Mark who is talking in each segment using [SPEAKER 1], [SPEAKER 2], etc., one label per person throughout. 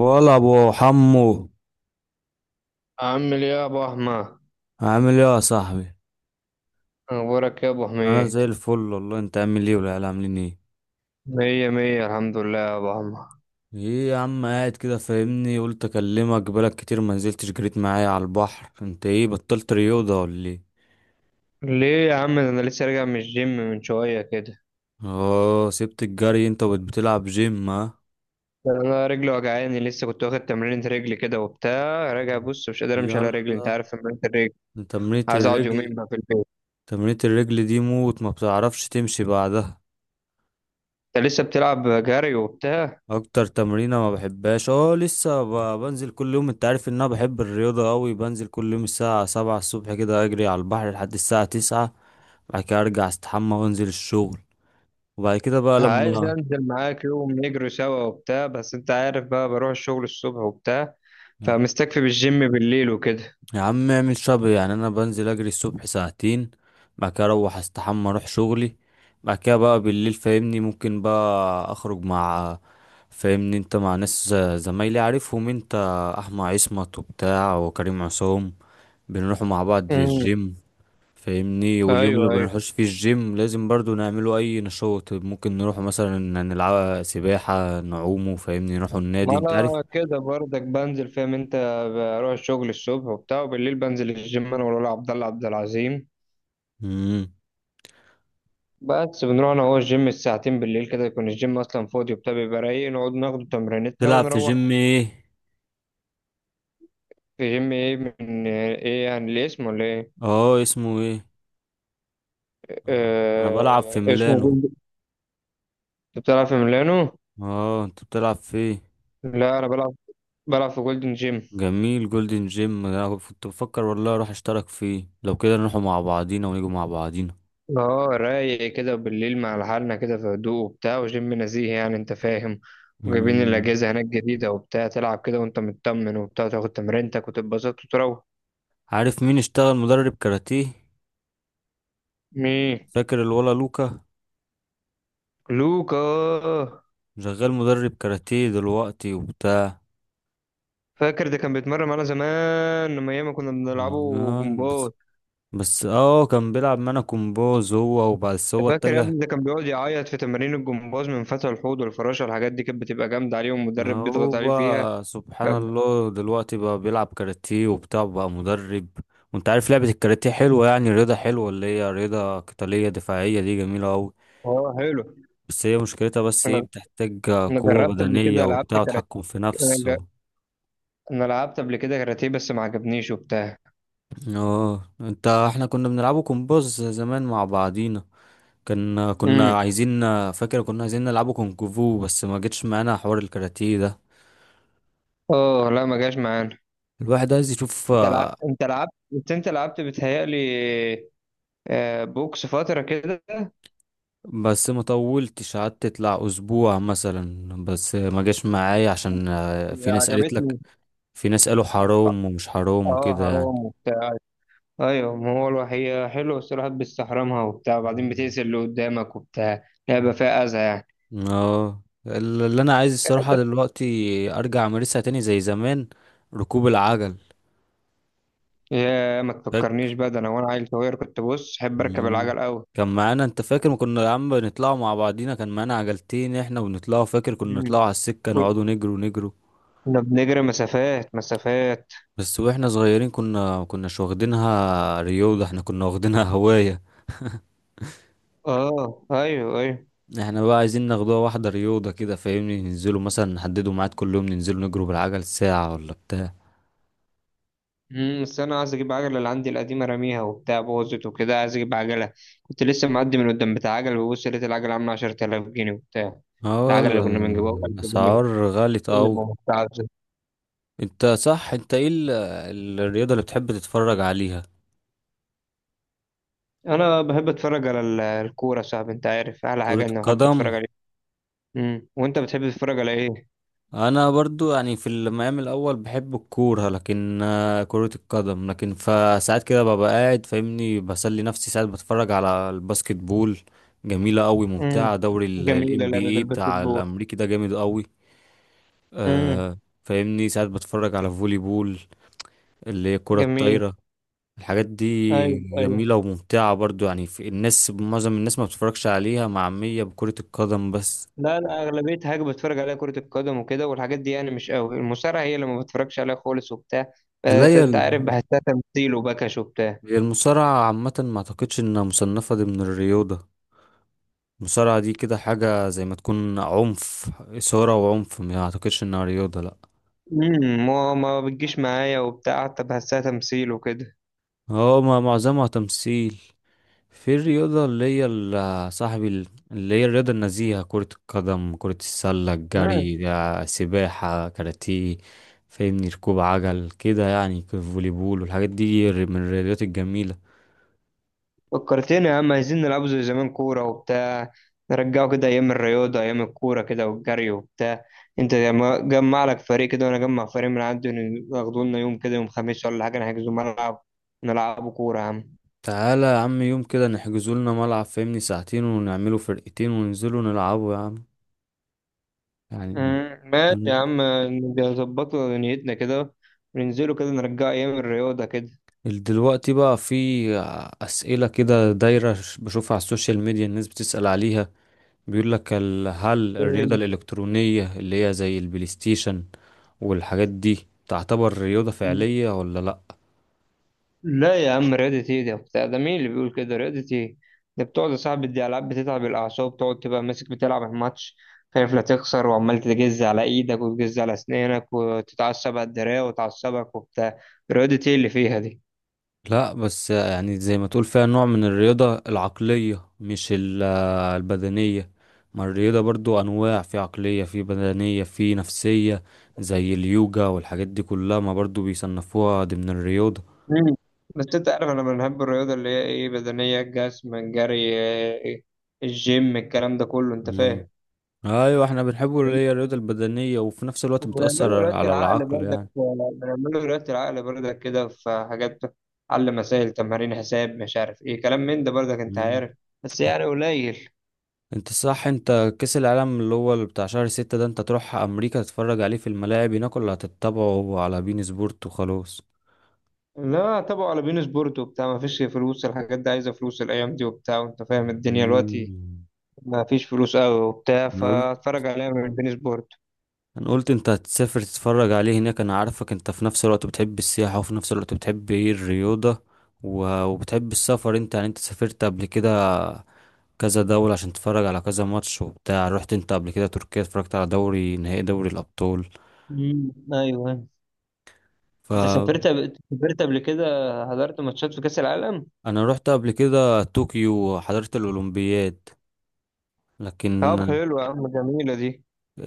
[SPEAKER 1] ولا ابو حمو
[SPEAKER 2] عامل ايه يا ابو احمد؟
[SPEAKER 1] عامل ايه يا صاحبي.
[SPEAKER 2] اخبارك يا ابو
[SPEAKER 1] انا
[SPEAKER 2] حميد؟
[SPEAKER 1] زي الفل والله، انت عامل ايه والعيال عاملين ايه؟
[SPEAKER 2] مية مية الحمد لله يا ابو احمد.
[SPEAKER 1] ايه يا عم قاعد كده فاهمني؟ قلت اكلمك بقالك كتير ما نزلتش جريت معايا على البحر. انت ايه بطلت رياضه ولا ايه؟
[SPEAKER 2] ليه يا عم؟ ده انا لسه راجع من الجيم من شويه كده.
[SPEAKER 1] اه سبت الجري انت وبقيت بتلعب جيم؟ ها؟
[SPEAKER 2] ده انا رجلي وجعاني لسه، كنت واخد تمرينة رجلي كده وبتاع، راجع بص مش قادر امشي على
[SPEAKER 1] يلا.
[SPEAKER 2] رجلي، انت عارف تمرينة الرجل.
[SPEAKER 1] تمرينة
[SPEAKER 2] عايز اقعد يومين
[SPEAKER 1] الرجل.
[SPEAKER 2] بقى في البيت.
[SPEAKER 1] تمرينة الرجل دي موت، ما بتعرفش تمشي بعدها.
[SPEAKER 2] انت لسه بتلعب جري وبتاع؟
[SPEAKER 1] اكتر تمرينة ما بحبهاش. اه لسه بنزل كل يوم. انت عارف ان انا بحب الرياضة قوي. بنزل كل يوم الساعة 7 الصبح كده، اجري على البحر لحد الساعة 9. بعد كده ارجع استحمى وانزل الشغل. وبعد كده بقى
[SPEAKER 2] عايز
[SPEAKER 1] لما
[SPEAKER 2] انزل معاك يوم نجري سوا وبتاع، بس انت عارف بقى بروح الشغل الصبح وبتاع،
[SPEAKER 1] يا
[SPEAKER 2] فمستكفي بالجيم بالليل وكده.
[SPEAKER 1] يا عم اعمل شبه يعني. انا بنزل اجري الصبح ساعتين. بعد كده اروح استحمى اروح شغلي. بعد كده بقى بالليل فاهمني ممكن بقى اخرج مع فاهمني انت مع ناس، زمايلي عارفهم انت، احمد عصمت وبتاع وكريم عصام. بنروح مع بعض
[SPEAKER 2] امم.
[SPEAKER 1] الجيم. فاهمني واليوم
[SPEAKER 2] ايوه
[SPEAKER 1] اللي
[SPEAKER 2] ايوه،
[SPEAKER 1] بنروحش فيه الجيم لازم برضو نعمله اي نشاط، ممكن نروح مثلا نلعب سباحة نعومه، فاهمني نروح النادي
[SPEAKER 2] ما
[SPEAKER 1] انت عارف.
[SPEAKER 2] انا كده برضك بنزل، فاهم انت؟ بروح الشغل الصبح وبتاع وبالليل بنزل الجيم انا والولا عبد الله عبد العظيم.
[SPEAKER 1] مم.
[SPEAKER 2] بس بنروح انا هو الجيم الساعتين بالليل كده، يكون الجيم اصلا فاضي وبتاع، بيبقى رايق، نقعد ناخد تمرينتنا
[SPEAKER 1] تلعب في
[SPEAKER 2] ونروح.
[SPEAKER 1] جيم ايه؟
[SPEAKER 2] في جيم ايه من ايه يعني؟ ليه اسمه ولا ايه؟
[SPEAKER 1] اه اسمه ايه؟ آه، انا بلعب في
[SPEAKER 2] آه اسمه
[SPEAKER 1] ميلانو.
[SPEAKER 2] جولد. انت بتلعب في ميلانو؟
[SPEAKER 1] اه انت بتلعب في ايه؟
[SPEAKER 2] لا، انا بلعب بلعب في جولدن جيم.
[SPEAKER 1] جميل جولدن جيم. انا كنت بفكر والله اروح اشترك فيه. لو كده نروحوا مع بعضينا ونيجوا مع بعضينا.
[SPEAKER 2] اه رايق كده بالليل مع لحالنا كده في هدوء وبتاع، وجيم نزيه يعني، انت فاهم؟ وجايبين
[SPEAKER 1] مم.
[SPEAKER 2] الاجهزه هناك جديده وبتاع، تلعب كده وانت مطمن وبتاع، تاخد تمرينتك وتتبسط وتروح.
[SPEAKER 1] عارف مين اشتغل مدرب كاراتيه؟
[SPEAKER 2] مين
[SPEAKER 1] فاكر الولا لوكا؟
[SPEAKER 2] لوكا؟
[SPEAKER 1] شغال مدرب كاراتيه دلوقتي وبتاع.
[SPEAKER 2] فاكر ده كان بيتمرن معانا زمان لما ايام ما كنا
[SPEAKER 1] مم،
[SPEAKER 2] بنلعبه
[SPEAKER 1] آه، بس
[SPEAKER 2] جمباز.
[SPEAKER 1] بس كان بيلعب معانا كومبوز، هو وبس،
[SPEAKER 2] أنت
[SPEAKER 1] هو
[SPEAKER 2] فاكر يا
[SPEAKER 1] اتجه.
[SPEAKER 2] ابني؟ ده كان بيقعد يعيط في تمارين الجمباز من فتح الحوض والفراشه، الحاجات دي كانت بتبقى جامده عليه والمدرب
[SPEAKER 1] هو
[SPEAKER 2] بيضغط عليه فيها.
[SPEAKER 1] بقى سبحان الله دلوقتي بقى بيلعب كاراتيه وبتاع، بقى مدرب. وانت عارف لعبة الكاراتيه حلوة يعني، رياضة حلوة اللي هي رياضة قتالية دفاعية، دي جميلة أوي.
[SPEAKER 2] اه حلو.
[SPEAKER 1] بس هي مشكلتها بس ايه،
[SPEAKER 2] انا
[SPEAKER 1] بتحتاج
[SPEAKER 2] انا
[SPEAKER 1] قوة
[SPEAKER 2] جربت قبل
[SPEAKER 1] بدنية
[SPEAKER 2] كده، لعبت
[SPEAKER 1] وبتاع وتحكم في نفس
[SPEAKER 2] كاراتيه.
[SPEAKER 1] و...
[SPEAKER 2] انا لعبت قبل كده كاراتيه بس ما عجبنيش وبتاع.
[SPEAKER 1] اه انت احنا كنا بنلعبه كومبوز زمان مع بعضينا. كنا
[SPEAKER 2] امم.
[SPEAKER 1] كنا عايزين فاكر كنا عايزين نلعبه كونغ فو بس ما جتش معانا حوار الكاراتيه ده.
[SPEAKER 2] اه لا ما جاش معانا.
[SPEAKER 1] الواحد عايز يشوف
[SPEAKER 2] انت لعبت، انت لعبت، بس انت لعبت بتهيألي بوكس فترة كده،
[SPEAKER 1] بس ما طولتش، قعدت تطلع اسبوع مثلا، بس ما جاش معايا عشان في ناس قالت لك،
[SPEAKER 2] عجبتني.
[SPEAKER 1] في ناس قالوا حرام ومش حرام
[SPEAKER 2] اه
[SPEAKER 1] وكده يعني.
[SPEAKER 2] حرام وبتاع. ايوه، ما هو الوحية حلوة بس الواحد بيستحرمها وبتاع، وبعدين بتقتل اللي قدامك وبتاع، لعبة فيها أذى يعني.
[SPEAKER 1] اه اللي انا عايز الصراحه دلوقتي، ارجع امارسها تاني زي زمان. ركوب العجل.
[SPEAKER 2] يا ما تفكرنيش بقى، ده انا وانا عيل صغير كنت بص احب اركب
[SPEAKER 1] مم.
[SPEAKER 2] العجل قوي.
[SPEAKER 1] كان معانا، انت فاكر ما كنا يا عم بنطلعوا مع بعضينا؟ كان معانا عجلتين احنا ونطلعوا. فاكر كنا
[SPEAKER 2] مم.
[SPEAKER 1] نطلعوا على السكة نقعدوا نجروا نجروا.
[SPEAKER 2] كنا بنجري مسافات مسافات.
[SPEAKER 1] بس واحنا صغيرين كنا ما كناش واخدينها رياضة، احنا كنا واخدينها هواية.
[SPEAKER 2] اه ايوه ايوه.
[SPEAKER 1] احنا بقى عايزين ناخدوها واحدة رياضة كده، فاهمني ننزلوا مثلا نحددوا ميعاد كل يوم ننزلوا نجروا بالعجل ساعة ولا بتاع.
[SPEAKER 2] امم، بس انا عايز اجيب عجله، اللي عندي القديمه راميها وبتاع، بوظت وكده، عايز اجيب عجله. كنت لسه معدي من قدام بتاع عجل، ببص لقيت العجله عامله 10000 جنيه وبتاع.
[SPEAKER 1] اه
[SPEAKER 2] العجله اللي كنا بنجيبها ب 1000 جنيه.
[SPEAKER 1] اسعار غالية
[SPEAKER 2] إيه يا
[SPEAKER 1] اوي.
[SPEAKER 2] ماما بتاع-
[SPEAKER 1] انت صح، انت ايه الرياضة اللي بتحب تتفرج عليها؟
[SPEAKER 2] انا بحب اتفرج على الكوره يا صاحبي، انت عارف احلى
[SPEAKER 1] كرة
[SPEAKER 2] حاجه اني بحب
[SPEAKER 1] القدم.
[SPEAKER 2] اتفرج عليه. امم، وانت بتحب تتفرج على ايه؟
[SPEAKER 1] انا برضو يعني في المقام الاول بحب الكوره، لكن كرة القدم. لكن فساعات كده ببقى قاعد فاهمني بسلي نفسي، ساعات بتفرج على الباسكت بول. جميلة قوي
[SPEAKER 2] امم،
[SPEAKER 1] ممتعة، دوري
[SPEAKER 2] جميله
[SPEAKER 1] الام
[SPEAKER 2] لعبه
[SPEAKER 1] بي اي بتاع
[SPEAKER 2] الباسكتبول.
[SPEAKER 1] الامريكي ده جامد قوي.
[SPEAKER 2] امم.
[SPEAKER 1] آه. فاهمني ساعات بتفرج على فولي بول، اللي هي الكرة
[SPEAKER 2] جميل.
[SPEAKER 1] الطايرة. الحاجات دي
[SPEAKER 2] ايوه ايوه.
[SPEAKER 1] جميلة وممتعة برضو. يعني في الناس، معظم الناس ما بتتفرجش عليها، معمية بكرة القدم بس.
[SPEAKER 2] لا لا، أغلبية حاجة بتفرج عليها كرة القدم وكده والحاجات دي، يعني مش قوي، المصارعة هي اللي ما بتفرجش عليها خالص وبتاع.
[SPEAKER 1] لا،
[SPEAKER 2] أنت عارف بحسها تمثيل وبكش وبتاع.
[SPEAKER 1] هي المصارعة عامة ما اعتقدش انها مصنفة ضمن الرياضة. المصارعة دي كده حاجة زي ما تكون عنف، إثارة وعنف. ما اعتقدش انها رياضة، لا.
[SPEAKER 2] امم، ما بتجيش معايا وبتاع، حتى بحسها تمثيل وكده.
[SPEAKER 1] هو ما معظمها تمثيل. في الرياضة اللي هي صاحبي اللي هي الرياضة النزيهة، كرة القدم، كرة السلة،
[SPEAKER 2] آه،
[SPEAKER 1] الجري ده، سباحة، كاراتيه. فاهمني ركوب عجل كده يعني، كيف فولي بول والحاجات دي من الرياضات الجميلة.
[SPEAKER 2] فكرتني يا عم، عايزين نلعبوا زي زمان كورة وبتاع، نرجعوا كده أيام الرياضة، أيام الكورة كده والجري وبتاع. أنت جمع لك فريق كده، وأنا أجمع فريق من عندي، ياخدوا لنا يوم كده، يوم خميس ولا حاجة، نحجزوا ملعب، نلعبوا كورة يا عم.
[SPEAKER 1] تعالى يا عم يوم كده، نحجزوا لنا ملعب فاهمني ساعتين، ونعملوا فرقتين وننزلوا نلعبوا يا عم. يعني
[SPEAKER 2] مم، ماشي
[SPEAKER 1] أن-
[SPEAKER 2] يا عم. نبقى نظبطوا دنيتنا كده، وننزلوا كده نرجع أيام الرياضة كده.
[SPEAKER 1] دلوقتي بقى في أسئلة كده دايرة، بشوفها على السوشيال ميديا، الناس بتسأل عليها. بيقول لك هل الرياضة
[SPEAKER 2] إيه؟
[SPEAKER 1] الإلكترونية اللي هي زي البلاي ستيشن والحاجات دي تعتبر رياضة فعلية ولا لأ؟
[SPEAKER 2] لا يا عم، رياضة ايه؟ ده بتاع، ده مين اللي بيقول كده رياضة ايه؟ ده بتقعد يا صاحبي، دي ألعاب بتتعب الأعصاب، تقعد تبقى ماسك بتلعب الماتش، خايف لا تخسر، وعمال تجز على إيدك وتجز على أسنانك، وتتعصب على الدراع وتعصبك وبتاع. رياضة ايه اللي فيها دي؟
[SPEAKER 1] لا بس يعني زي ما تقول فيها نوع من الرياضة العقلية، مش البدنية. ما الرياضة برضو أنواع، في عقلية، في بدنية، في نفسية. زي اليوجا والحاجات دي كلها ما برضو بيصنفوها ضمن الرياضة.
[SPEAKER 2] مم. بس انت عارف انا بنحب الرياضه اللي هي ايه، بدنيه، الجسم، الجري، إيه، الجيم، الكلام ده كله، انت
[SPEAKER 1] مم.
[SPEAKER 2] فاهم.
[SPEAKER 1] أيوة احنا بنحبه اللي هي الرياضة البدنية، وفي نفس الوقت
[SPEAKER 2] وبنعمله
[SPEAKER 1] بتأثر
[SPEAKER 2] رياضة
[SPEAKER 1] على
[SPEAKER 2] العقل
[SPEAKER 1] العقل
[SPEAKER 2] برضك،
[SPEAKER 1] يعني.
[SPEAKER 2] بنعمله رياضة العقل برضك كده، في حاجات على مسائل تمارين حساب مش عارف ايه، كلام من ده برضك، انت
[SPEAKER 1] مم.
[SPEAKER 2] عارف. بس يعني قليل.
[SPEAKER 1] انت صح. انت كأس العالم اللي هو اللي بتاع شهر 6 ده، انت تروح أمريكا تتفرج عليه في الملاعب هناك ولا هتتابعه على بين سبورت وخلاص؟
[SPEAKER 2] لا طبعا على بين سبورت وبتاع، ما فيش فلوس، الحاجات دي عايزة فلوس الأيام دي وبتاع، وانت فاهم الدنيا دلوقتي.
[SPEAKER 1] مم.
[SPEAKER 2] ما فيش فلوس قوي وبتاع،
[SPEAKER 1] انا قلت
[SPEAKER 2] فاتفرج عليها من بين سبورت.
[SPEAKER 1] انا قلت انت هتسافر تتفرج عليه هناك. انا عارفك انت في نفس الوقت بتحب السياحة، وفي نفس الوقت بتحب ايه، الرياضة وبتحب السفر. انت يعني انت سافرت قبل كده كذا دولة عشان تتفرج على كذا ماتش وبتاع. رحت انت قبل كده تركيا اتفرجت على دوري نهائي دوري الأبطال.
[SPEAKER 2] ايوه. انت
[SPEAKER 1] فانا
[SPEAKER 2] سافرت قبل كده حضرت ماتشات في كأس العالم؟
[SPEAKER 1] رحت قبل كده طوكيو وحضرت الأولمبياد. لكن
[SPEAKER 2] طب حلو يا عم، جميلة دي.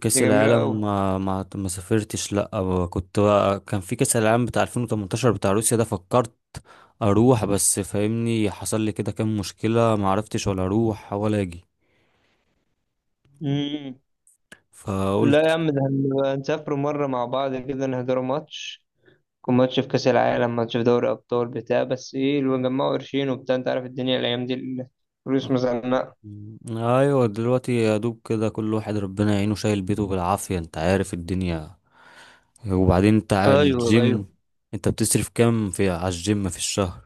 [SPEAKER 1] كأس
[SPEAKER 2] دي
[SPEAKER 1] العالم
[SPEAKER 2] جميلة
[SPEAKER 1] ما سافرتش لا. أو كنت بقى، كان في كأس العالم بتاع 2018 بتاع روسيا ده، فكرت اروح، بس فاهمني حصل لي كده كام مشكلة، ما عرفتش ولا اروح ولا اجي،
[SPEAKER 2] قوي. لا يا
[SPEAKER 1] فقلت
[SPEAKER 2] عم، ده هنبقى نسافروا مرة مع بعض كده، نهدروا ماتش، يكون ماتش في كأس العالم، ماتش في دوري أبطال بتاع، بس إيه اللي جمعوا قرشين وبتاع، أنت عارف الدنيا الأيام دي، الفلوس
[SPEAKER 1] آه،
[SPEAKER 2] مزنقة.
[SPEAKER 1] ايوه دلوقتي يا دوب كده، كل واحد ربنا يعينه شايل بيته بالعافية، انت عارف الدنيا. وبعدين انت على
[SPEAKER 2] أيوه
[SPEAKER 1] الجيم،
[SPEAKER 2] أيوه.
[SPEAKER 1] انت بتصرف كام في على الجيم في الشهر؟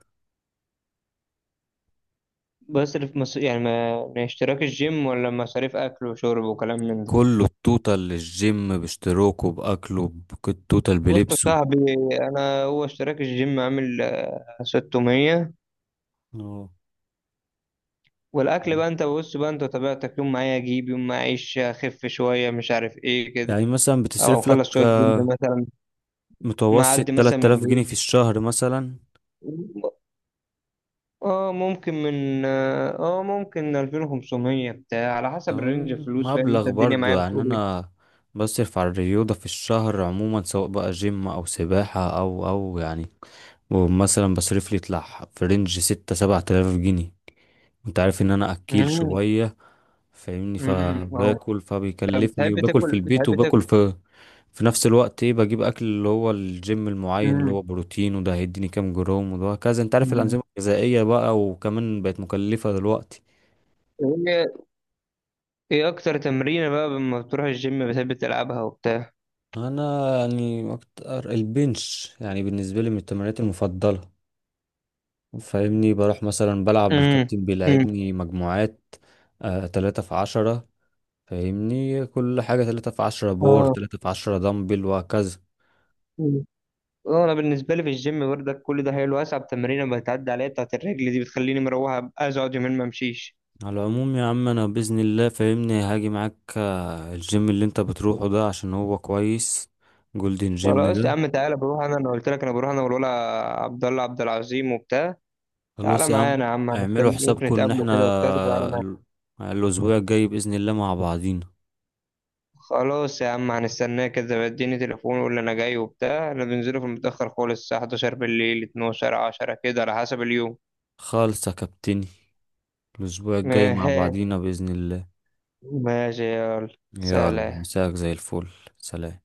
[SPEAKER 2] بصرف مص... يعني ما... ما اشتراك الجيم ولا مصاريف أكل وشرب وكلام من ده؟
[SPEAKER 1] كله التوتال للجيم، باشتراكه، باكله، التوتال
[SPEAKER 2] بص يا
[SPEAKER 1] بلبسه.
[SPEAKER 2] صاحبي، أنا هو اشتراك الجيم عامل 600.
[SPEAKER 1] اه
[SPEAKER 2] والأكل بقى أنت بص بقى، أنت طبيعتك يوم معايا أجيب، يوم معايا أعيش أخف شوية مش عارف إيه كده،
[SPEAKER 1] يعني مثلا
[SPEAKER 2] أو
[SPEAKER 1] بتصرف
[SPEAKER 2] أخلص
[SPEAKER 1] لك
[SPEAKER 2] شوية جيم مثلا.
[SPEAKER 1] متوسط
[SPEAKER 2] معدي مثلا
[SPEAKER 1] 3000
[SPEAKER 2] من
[SPEAKER 1] جنيه في الشهر مثلا؟
[SPEAKER 2] اه ممكن من اه آه، ممكن 2500 بتاع، على حسب الرينج
[SPEAKER 1] اه،
[SPEAKER 2] الفلوس، فاهم انت
[SPEAKER 1] مبلغ
[SPEAKER 2] الدنيا
[SPEAKER 1] برضو
[SPEAKER 2] معايا
[SPEAKER 1] يعني.
[SPEAKER 2] بتقول ايه.
[SPEAKER 1] انا بصرف على الرياضة في الشهر عموما، سواء بقى جيم او سباحة او يعني. ومثلا بصرف لي يطلع في رينج ستة سبعة آلاف جنيه. انت عارف ان انا اكيل
[SPEAKER 2] امم.
[SPEAKER 1] شوية. فاهمني
[SPEAKER 2] اه.
[SPEAKER 1] فباكل
[SPEAKER 2] طب
[SPEAKER 1] فبيكلفني،
[SPEAKER 2] بتحب
[SPEAKER 1] وباكل في
[SPEAKER 2] تاكل،
[SPEAKER 1] البيت
[SPEAKER 2] بتحب تاكل؟
[SPEAKER 1] وباكل في، في نفس الوقت ايه، بجيب اكل اللي هو الجيم المعين اللي
[SPEAKER 2] امم.
[SPEAKER 1] هو بروتين، وده هيديني كام جرام وده كذا. انت عارف
[SPEAKER 2] أمم.
[SPEAKER 1] الانظمه الغذائيه بقى وكمان بقت مكلفه دلوقتي.
[SPEAKER 2] ايه ايه اكتر تمرينة بقى لما بتروح الجيم بتحب تلعبها وبتاع؟
[SPEAKER 1] انا يعني اكتر البنش يعني بالنسبه لي من التمارين المفضله. فاهمني بروح مثلا بلعب
[SPEAKER 2] امم.
[SPEAKER 1] الكابتن
[SPEAKER 2] امم
[SPEAKER 1] بيلعبني مجموعات. آه تلاتة في عشرة. فاهمني كل حاجة تلاتة في عشرة بور،
[SPEAKER 2] اه.
[SPEAKER 1] تلاتة في عشرة دمبل، وهكذا.
[SPEAKER 2] أمم. اه، انا بالنسبه لي في الجيم برضك، كل ده حلو، اصعب تمرينه بتعدي عليا بتاعت الرجل دي، بتخليني مروحه أبقى عايز اقعد يومين ما امشيش.
[SPEAKER 1] على العموم يا عم انا باذن الله فاهمني هاجي معاك الجيم اللي انت بتروحه ده عشان هو كويس، جولدن جيم
[SPEAKER 2] خلاص يا
[SPEAKER 1] ده.
[SPEAKER 2] عم تعالى، بروح انا قلت لك انا بروح انا والولا عبد الله عبد العظيم وبتاع. تعالى
[SPEAKER 1] خلاص يا عم.
[SPEAKER 2] معانا يا عم،
[SPEAKER 1] اعملوا
[SPEAKER 2] هنستنى ممكن
[SPEAKER 1] حسابكم ان
[SPEAKER 2] نتقابله
[SPEAKER 1] احنا
[SPEAKER 2] كده وبتاع، تعالى معانا.
[SPEAKER 1] الاسبوع الجاي باذن الله مع بعضينا.
[SPEAKER 2] خلاص يا عم، هنستناه كده، اديني تليفون وقول لي انا جاي وبتاع، انا بنزله في المتأخر خالص الساعة 11 بالليل، 12، 10 كده على حسب اليوم.
[SPEAKER 1] خالص يا كابتني، الاسبوع الجاي مع بعضينا باذن الله.
[SPEAKER 2] ماشي يلا.
[SPEAKER 1] يلا،
[SPEAKER 2] سلام.
[SPEAKER 1] مساك زي الفل. سلام.